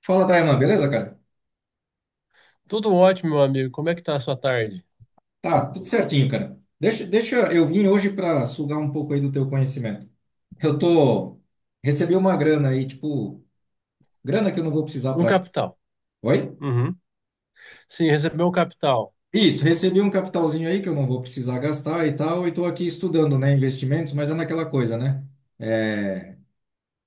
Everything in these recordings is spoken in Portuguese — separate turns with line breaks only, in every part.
Fala, Daiman, beleza, cara?
Tudo ótimo, meu amigo. Como é que tá a sua tarde?
Tá, tudo certinho, cara. Deixa eu vim hoje para sugar um pouco aí do teu conhecimento. Eu tô Recebi uma grana aí, tipo, grana que eu não vou precisar
Um
para.
capital.
Oi?
Uhum. Sim, recebeu um capital.
Isso, recebi um capitalzinho aí que eu não vou precisar gastar e tal, e tô aqui estudando, né, investimentos, mas é naquela coisa, né? É,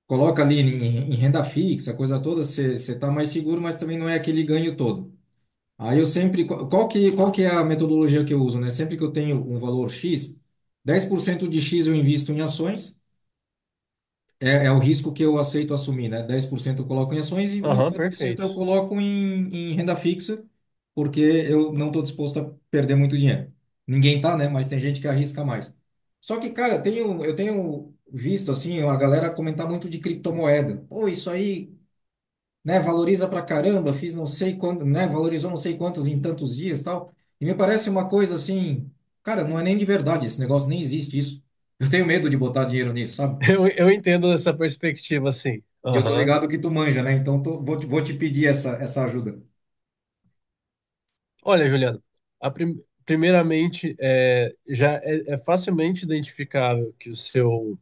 coloca ali em renda fixa, coisa toda, você tá mais seguro, mas também não é aquele ganho todo. Aí eu sempre, qual que é a metodologia que eu uso, né? Sempre que eu tenho um valor X, 10% de X eu invisto em ações, é o risco que eu aceito assumir, né? 10% eu coloco em ações e
Aham,
90% eu
perfeito.
coloco em renda fixa, porque eu não estou disposto a perder muito dinheiro. Ninguém tá, né? Mas tem gente que arrisca mais. Só que, cara, eu tenho visto, assim, a galera comentar muito de criptomoeda. Pô, isso aí, né? Valoriza pra caramba, fiz não sei quanto, né? Valorizou não sei quantos em tantos dias, tal. E me parece uma coisa assim, cara, não é nem de verdade esse negócio, nem existe isso. Eu tenho medo de botar dinheiro nisso, sabe?
Eu entendo essa perspectiva, sim.
E eu tô
Aham.
ligado que tu manja, né? Então vou te pedir essa ajuda.
Olha, Juliano, primeiramente, é facilmente identificável que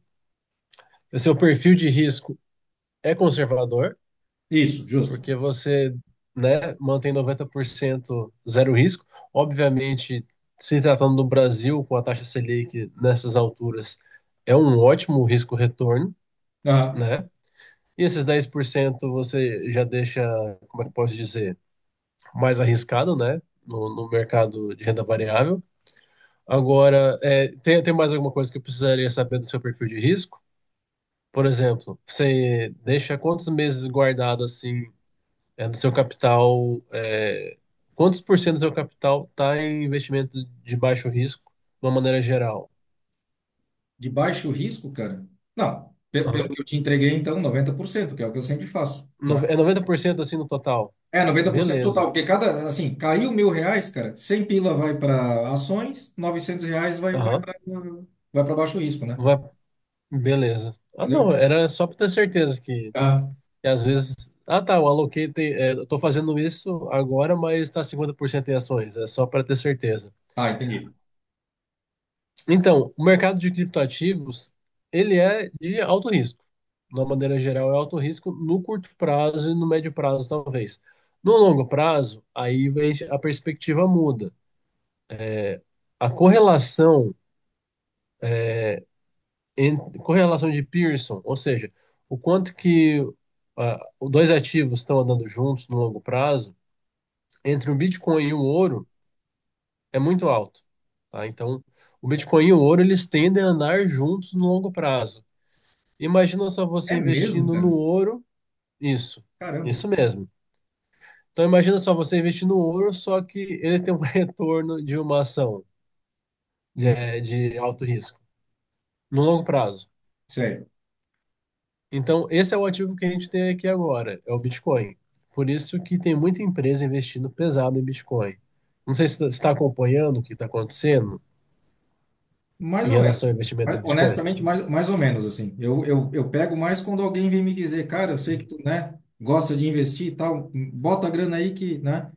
o seu perfil de risco é conservador.
Isso, justo.
Porque você, né, mantém 90% zero risco. Obviamente, se tratando do Brasil, com a taxa Selic nessas alturas, é um ótimo risco-retorno,
Ah,
né? E esses 10% você já deixa, como é que eu posso dizer, mais arriscado, né? No mercado de renda variável. Agora, é, tem mais alguma coisa que eu precisaria saber do seu perfil de risco? Por exemplo, você deixa quantos meses guardado assim é, do seu capital, é, quantos por cento do seu capital está em investimento de baixo risco, de uma maneira geral?
de baixo risco, cara? Não, pelo
Aham.
que eu te entreguei, então, 90% que é o que eu sempre faço, né?
É 90% assim no total?
É, 90% total,
Beleza.
porque cada, assim, caiu R$ 1.000, cara, R$ 100 vai para ações, R$ 900 vai, vai
Aham.
para vai para baixo risco, né?
Vai- Beleza. Ah, não,
Entendeu?
era só para ter certeza que,
Ah,
que às vezes. Ah, tá, eu aloquei, tem, é, eu tô fazendo isso agora, mas está 50% em ações. É só para ter certeza.
Ah, entendi.
Então, o mercado de criptoativos, ele é de alto risco. De uma maneira geral, é alto risco no curto prazo e no médio prazo, talvez. No longo prazo, a perspectiva muda. A correlação, en- correlação de Pearson, ou seja, o quanto que os dois ativos estão andando juntos no longo prazo, entre o Bitcoin e o ouro, é muito alto. Tá? Então, o Bitcoin e o ouro, eles tendem a andar juntos no longo prazo. Imagina só você
É mesmo,
investindo no
cara?
ouro. Isso,
Caramba.
isso mesmo. Então imagina só você investir no ouro, só que ele tem um retorno de uma ação de,
Uhum.
eh, de alto risco, no longo prazo.
Isso aí.
Então esse é o ativo que a gente tem aqui agora, é o Bitcoin. Por isso que tem muita empresa investindo pesado em Bitcoin. Não sei se você está acompanhando o que está acontecendo
Mais
em
ou menos.
relação ao investimento
Mas,
no Bitcoin.
honestamente, mais ou menos, assim. Eu pego mais quando alguém vem me dizer, cara, eu sei que tu, né, gosta de investir e tal, bota a grana aí que, né?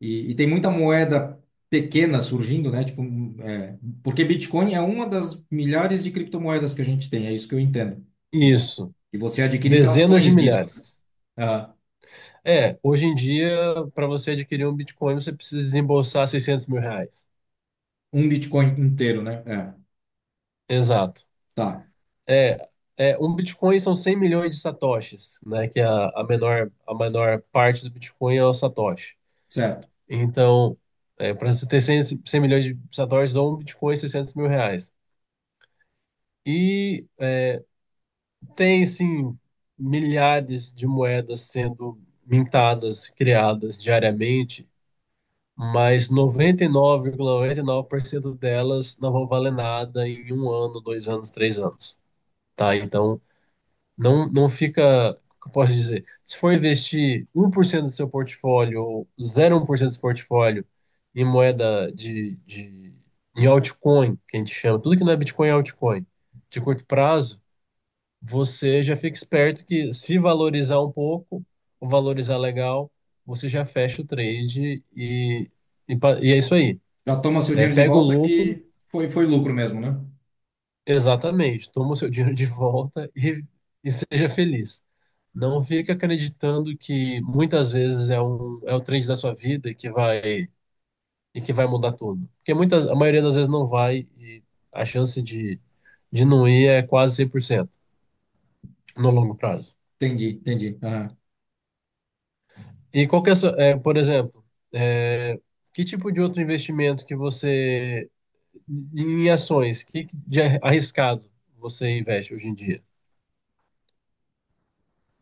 E tem muita moeda pequena surgindo, né? Tipo, é, porque Bitcoin é uma das milhares de criptomoedas que a gente tem, é isso que eu entendo.
Isso,
E você adquire
dezenas de
frações, uhum, disso, né?
milhares.
Ah,
É, hoje em dia, para você adquirir um Bitcoin, você precisa desembolsar R$ 600.000.
um Bitcoin inteiro, né? É,
Exato.
tá,
É, um Bitcoin são 100 milhões de satoshis, né? Que é a menor parte do Bitcoin é o satoshi.
certo.
Então, para você ter cem milhões de satoshis ou um Bitcoin, R$ 600.000. E tem, sim, milhares de moedas sendo mintadas, criadas diariamente, mas noventa e nove vírgula 99,99% delas não vão valer nada em um ano, 2 anos, 3 anos, tá? Então, não, não fica, o que eu posso dizer, se for investir 1% do seu portfólio ou 0,1% do seu portfólio em moeda em altcoin, que a gente chama, tudo que não é Bitcoin é altcoin, de curto prazo, você já fica esperto que se valorizar um pouco, ou valorizar legal, você já fecha o trade e é isso aí.
Já toma seu
É,
dinheiro de
pega o
volta
lucro,
que foi lucro mesmo, né?
exatamente, toma o seu dinheiro de volta e seja feliz. Não fica acreditando que muitas vezes é o trend da sua vida e que vai mudar tudo. Porque a maioria das vezes não vai e a chance de não ir é quase 100% no longo prazo.
Entendi, entendi. Aham.
E qual que é, a sua- é, por exemplo, é, que tipo de outro investimento que você, em ações, que de arriscado você investe hoje em dia?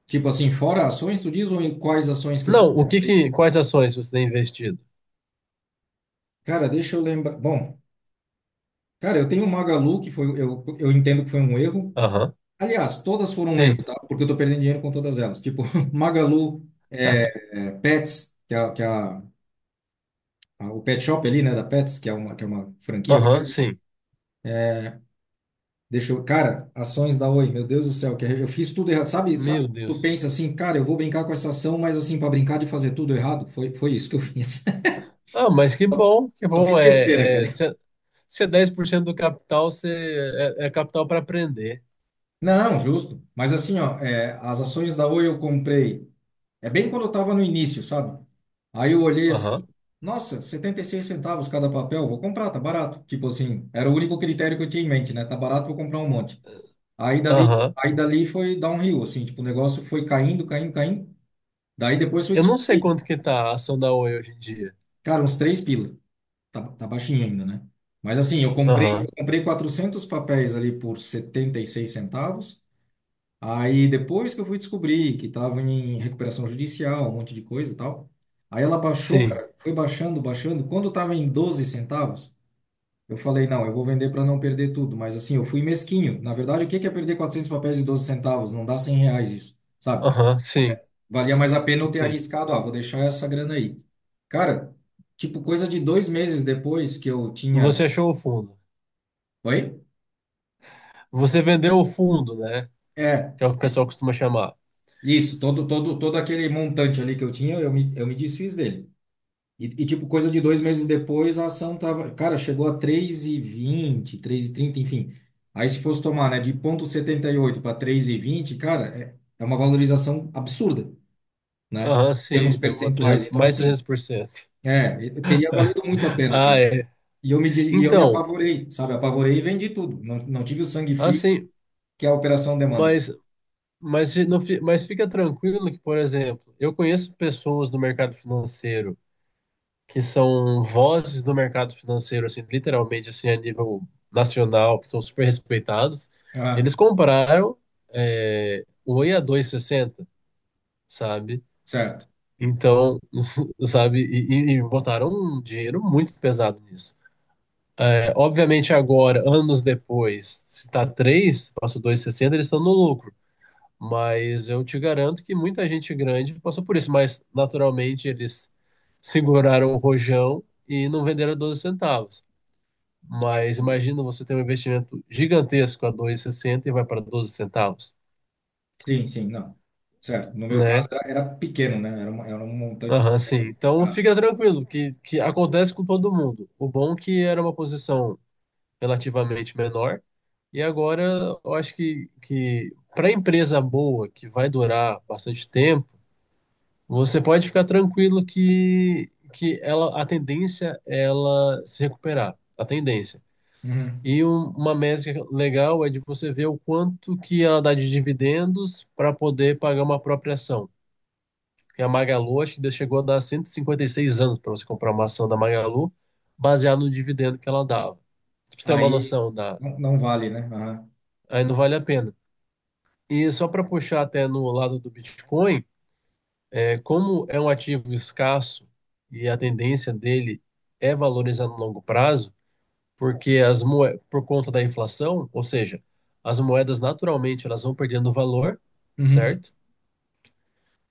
Tipo assim, fora ações, tu diz ou em quais ações que eu tô?
Não, o que que, quais ações você tem investido?
Cara, deixa eu lembrar. Bom, cara, eu tenho o Magalu, que foi, eu entendo que foi um erro.
Aham,
Aliás, todas foram um erro,
sim.
tá? Porque eu tô perdendo dinheiro com todas elas. Tipo, Magalu, Pets, que é, o pet shop ali, né, da Pets, que é uma franquia
Aham,
grande.
sim.
Deixa eu, cara, ações da Oi, meu Deus do céu, que eu fiz tudo errado. Sabe
Meu
quando tu
Deus.
pensa assim, cara, eu vou brincar com essa ação, mas assim, para brincar de fazer tudo errado? Foi isso que eu fiz.
Ah, mas que bom, que
Só
bom.
fiz besteira, cara.
Se é 10% do capital, você é capital para aprender.
Não, justo. Mas assim, ó, é, as ações da Oi eu comprei. É bem quando eu estava no início, sabe? Aí eu olhei assim,
Aham,
nossa, 76 centavos cada papel, vou comprar, tá barato. Tipo assim, era o único critério que eu tinha em mente, né? Tá barato, vou comprar um monte. Aí dali,
aham.
aí dali foi downhill, assim, tipo, o negócio foi caindo, caindo, caindo. Daí depois foi
Eu não sei
descobrir,
quanto que tá a ação da Oi hoje em dia.
cara, uns R$ 3. Tá, tá baixinho ainda, né? Mas assim, eu comprei, eu
Aham,
comprei 400 papéis ali por 76 centavos. Aí depois que eu fui descobrir que estava em recuperação judicial, um monte de coisa e tal, aí ela baixou,
sim.
cara, foi baixando, baixando. Quando estava em 12 centavos, eu falei, não, eu vou vender para não perder tudo. Mas assim, eu fui mesquinho. Na verdade, o que que é perder 400 papéis de 12 centavos? Não dá R$ 100 isso, sabe?
Aham, sim.
Valia mais a pena eu ter
Sim.
arriscado, ah, vou deixar essa grana aí. Cara, tipo, coisa de 2 meses depois que eu tinha...
Você achou o fundo.
Oi?
Você vendeu o fundo, né?
É,
Que é o que o pessoal costuma chamar.
isso, todo aquele montante ali que eu tinha, eu me desfiz dele. E tipo, coisa de dois meses depois, a ação tava, cara, chegou a três, três e vinte, três e trinta, enfim. Aí se fosse tomar, né, de 0,78 para 3,20, cara, é uma valorização absurda, né?
Aham,
Em
sim.
termos
Isso é uma
percentuais.
300,
Então,
mais
assim,
300%.
é, teria valido muito a pena,
Ah,
cara.
é.
E eu me
Então,
apavorei, sabe? Apavorei e vendi tudo. Não, não tive o sangue frio,
assim,
que é a operação demanda.
Mas, mas, fi- não, fi- mas fica tranquilo que, por exemplo, eu conheço pessoas do mercado financeiro que são vozes do mercado financeiro, assim, literalmente, assim, a nível nacional, que são super respeitados. Eles
Ah,
compraram é, o Oi a 2,60, sabe?
certo.
Então, sabe, e botaram um dinheiro muito pesado nisso. É, obviamente agora, anos depois, se está 3, passou 2,60, eles estão no lucro. Mas eu te garanto que muita gente grande passou por isso, mas naturalmente eles seguraram o rojão e não venderam 12 centavos.
Ah,
Mas
entendi.
imagina você ter um investimento gigantesco a 2,60 e sessenta e vai para 12 centavos,
Sim, sim, não. Certo. No meu caso,
né?
era pequeno, né? Era um montante
Aham, sim.
pequeno.
Então
Ah,
fica tranquilo, que acontece com todo mundo. O bom é que era uma posição relativamente menor, e agora eu acho que para empresa boa, que vai durar bastante tempo, você pode ficar tranquilo que ela, a tendência é ela se recuperar, a tendência.
uhum.
E uma métrica legal é de você ver o quanto que ela dá de dividendos para poder pagar uma própria ação. Porque a Magalu, acho que chegou a dar cento e 56 anos para você comprar uma ação da Magalu, baseado no dividendo que ela dava. Pra você tem uma
Aí
noção da...
não, não vale, né? Aham.
Aí não vale a pena. E só para puxar até no lado do Bitcoin, é, como é um ativo escasso e a tendência dele é valorizar no longo prazo, porque por conta da inflação, ou seja, as moedas naturalmente elas vão perdendo valor,
Uhum.
certo?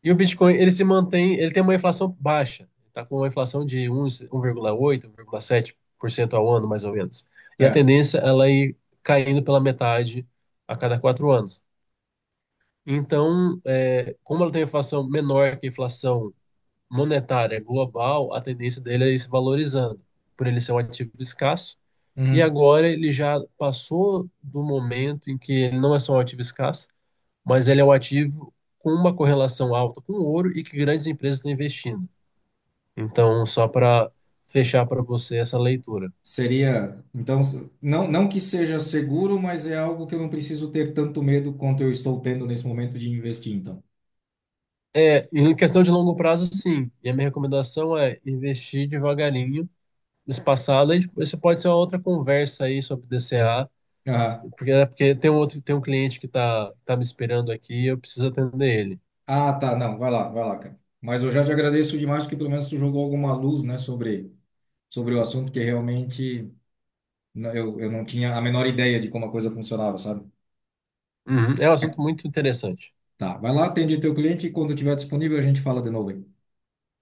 E o Bitcoin, ele se mantém, ele tem uma inflação baixa, está com uma inflação de 1, 1,8, 1,7% ao ano, mais ou menos. E a
Certo.
tendência ela ir caindo pela metade a cada 4 anos. Então, é, como ela tem inflação menor que a inflação monetária é global, a tendência dele é ir se valorizando, por ele ser um ativo escasso. E
Uhum.
agora ele já passou do momento em que ele não é só um ativo escasso, mas ele é um ativo com uma correlação alta com o ouro e que grandes empresas estão investindo. Então, só para fechar para você essa leitura.
Seria, então, não, não que seja seguro, mas é algo que eu não preciso ter tanto medo quanto eu estou tendo nesse momento de investir, então.
É, em questão de longo prazo, sim. E a minha recomendação é investir devagarinho, espaçado. Isso pode ser uma outra conversa aí sobre DCA,
Aham.
porque, é porque tem um outro, tem um cliente que tá me esperando aqui e eu preciso atender ele.
Ah, tá, não, vai lá, cara. Mas eu já te agradeço demais porque pelo menos tu jogou alguma luz, né, sobre o assunto que realmente eu não tinha a menor ideia de como a coisa funcionava, sabe?
Uhum, é um assunto muito interessante.
Tá, vai lá, atende teu cliente e quando tiver disponível a gente fala de novo aí.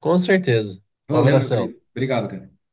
Com certeza. Um
Valeu, meu
abração.
querido. Obrigado, cara.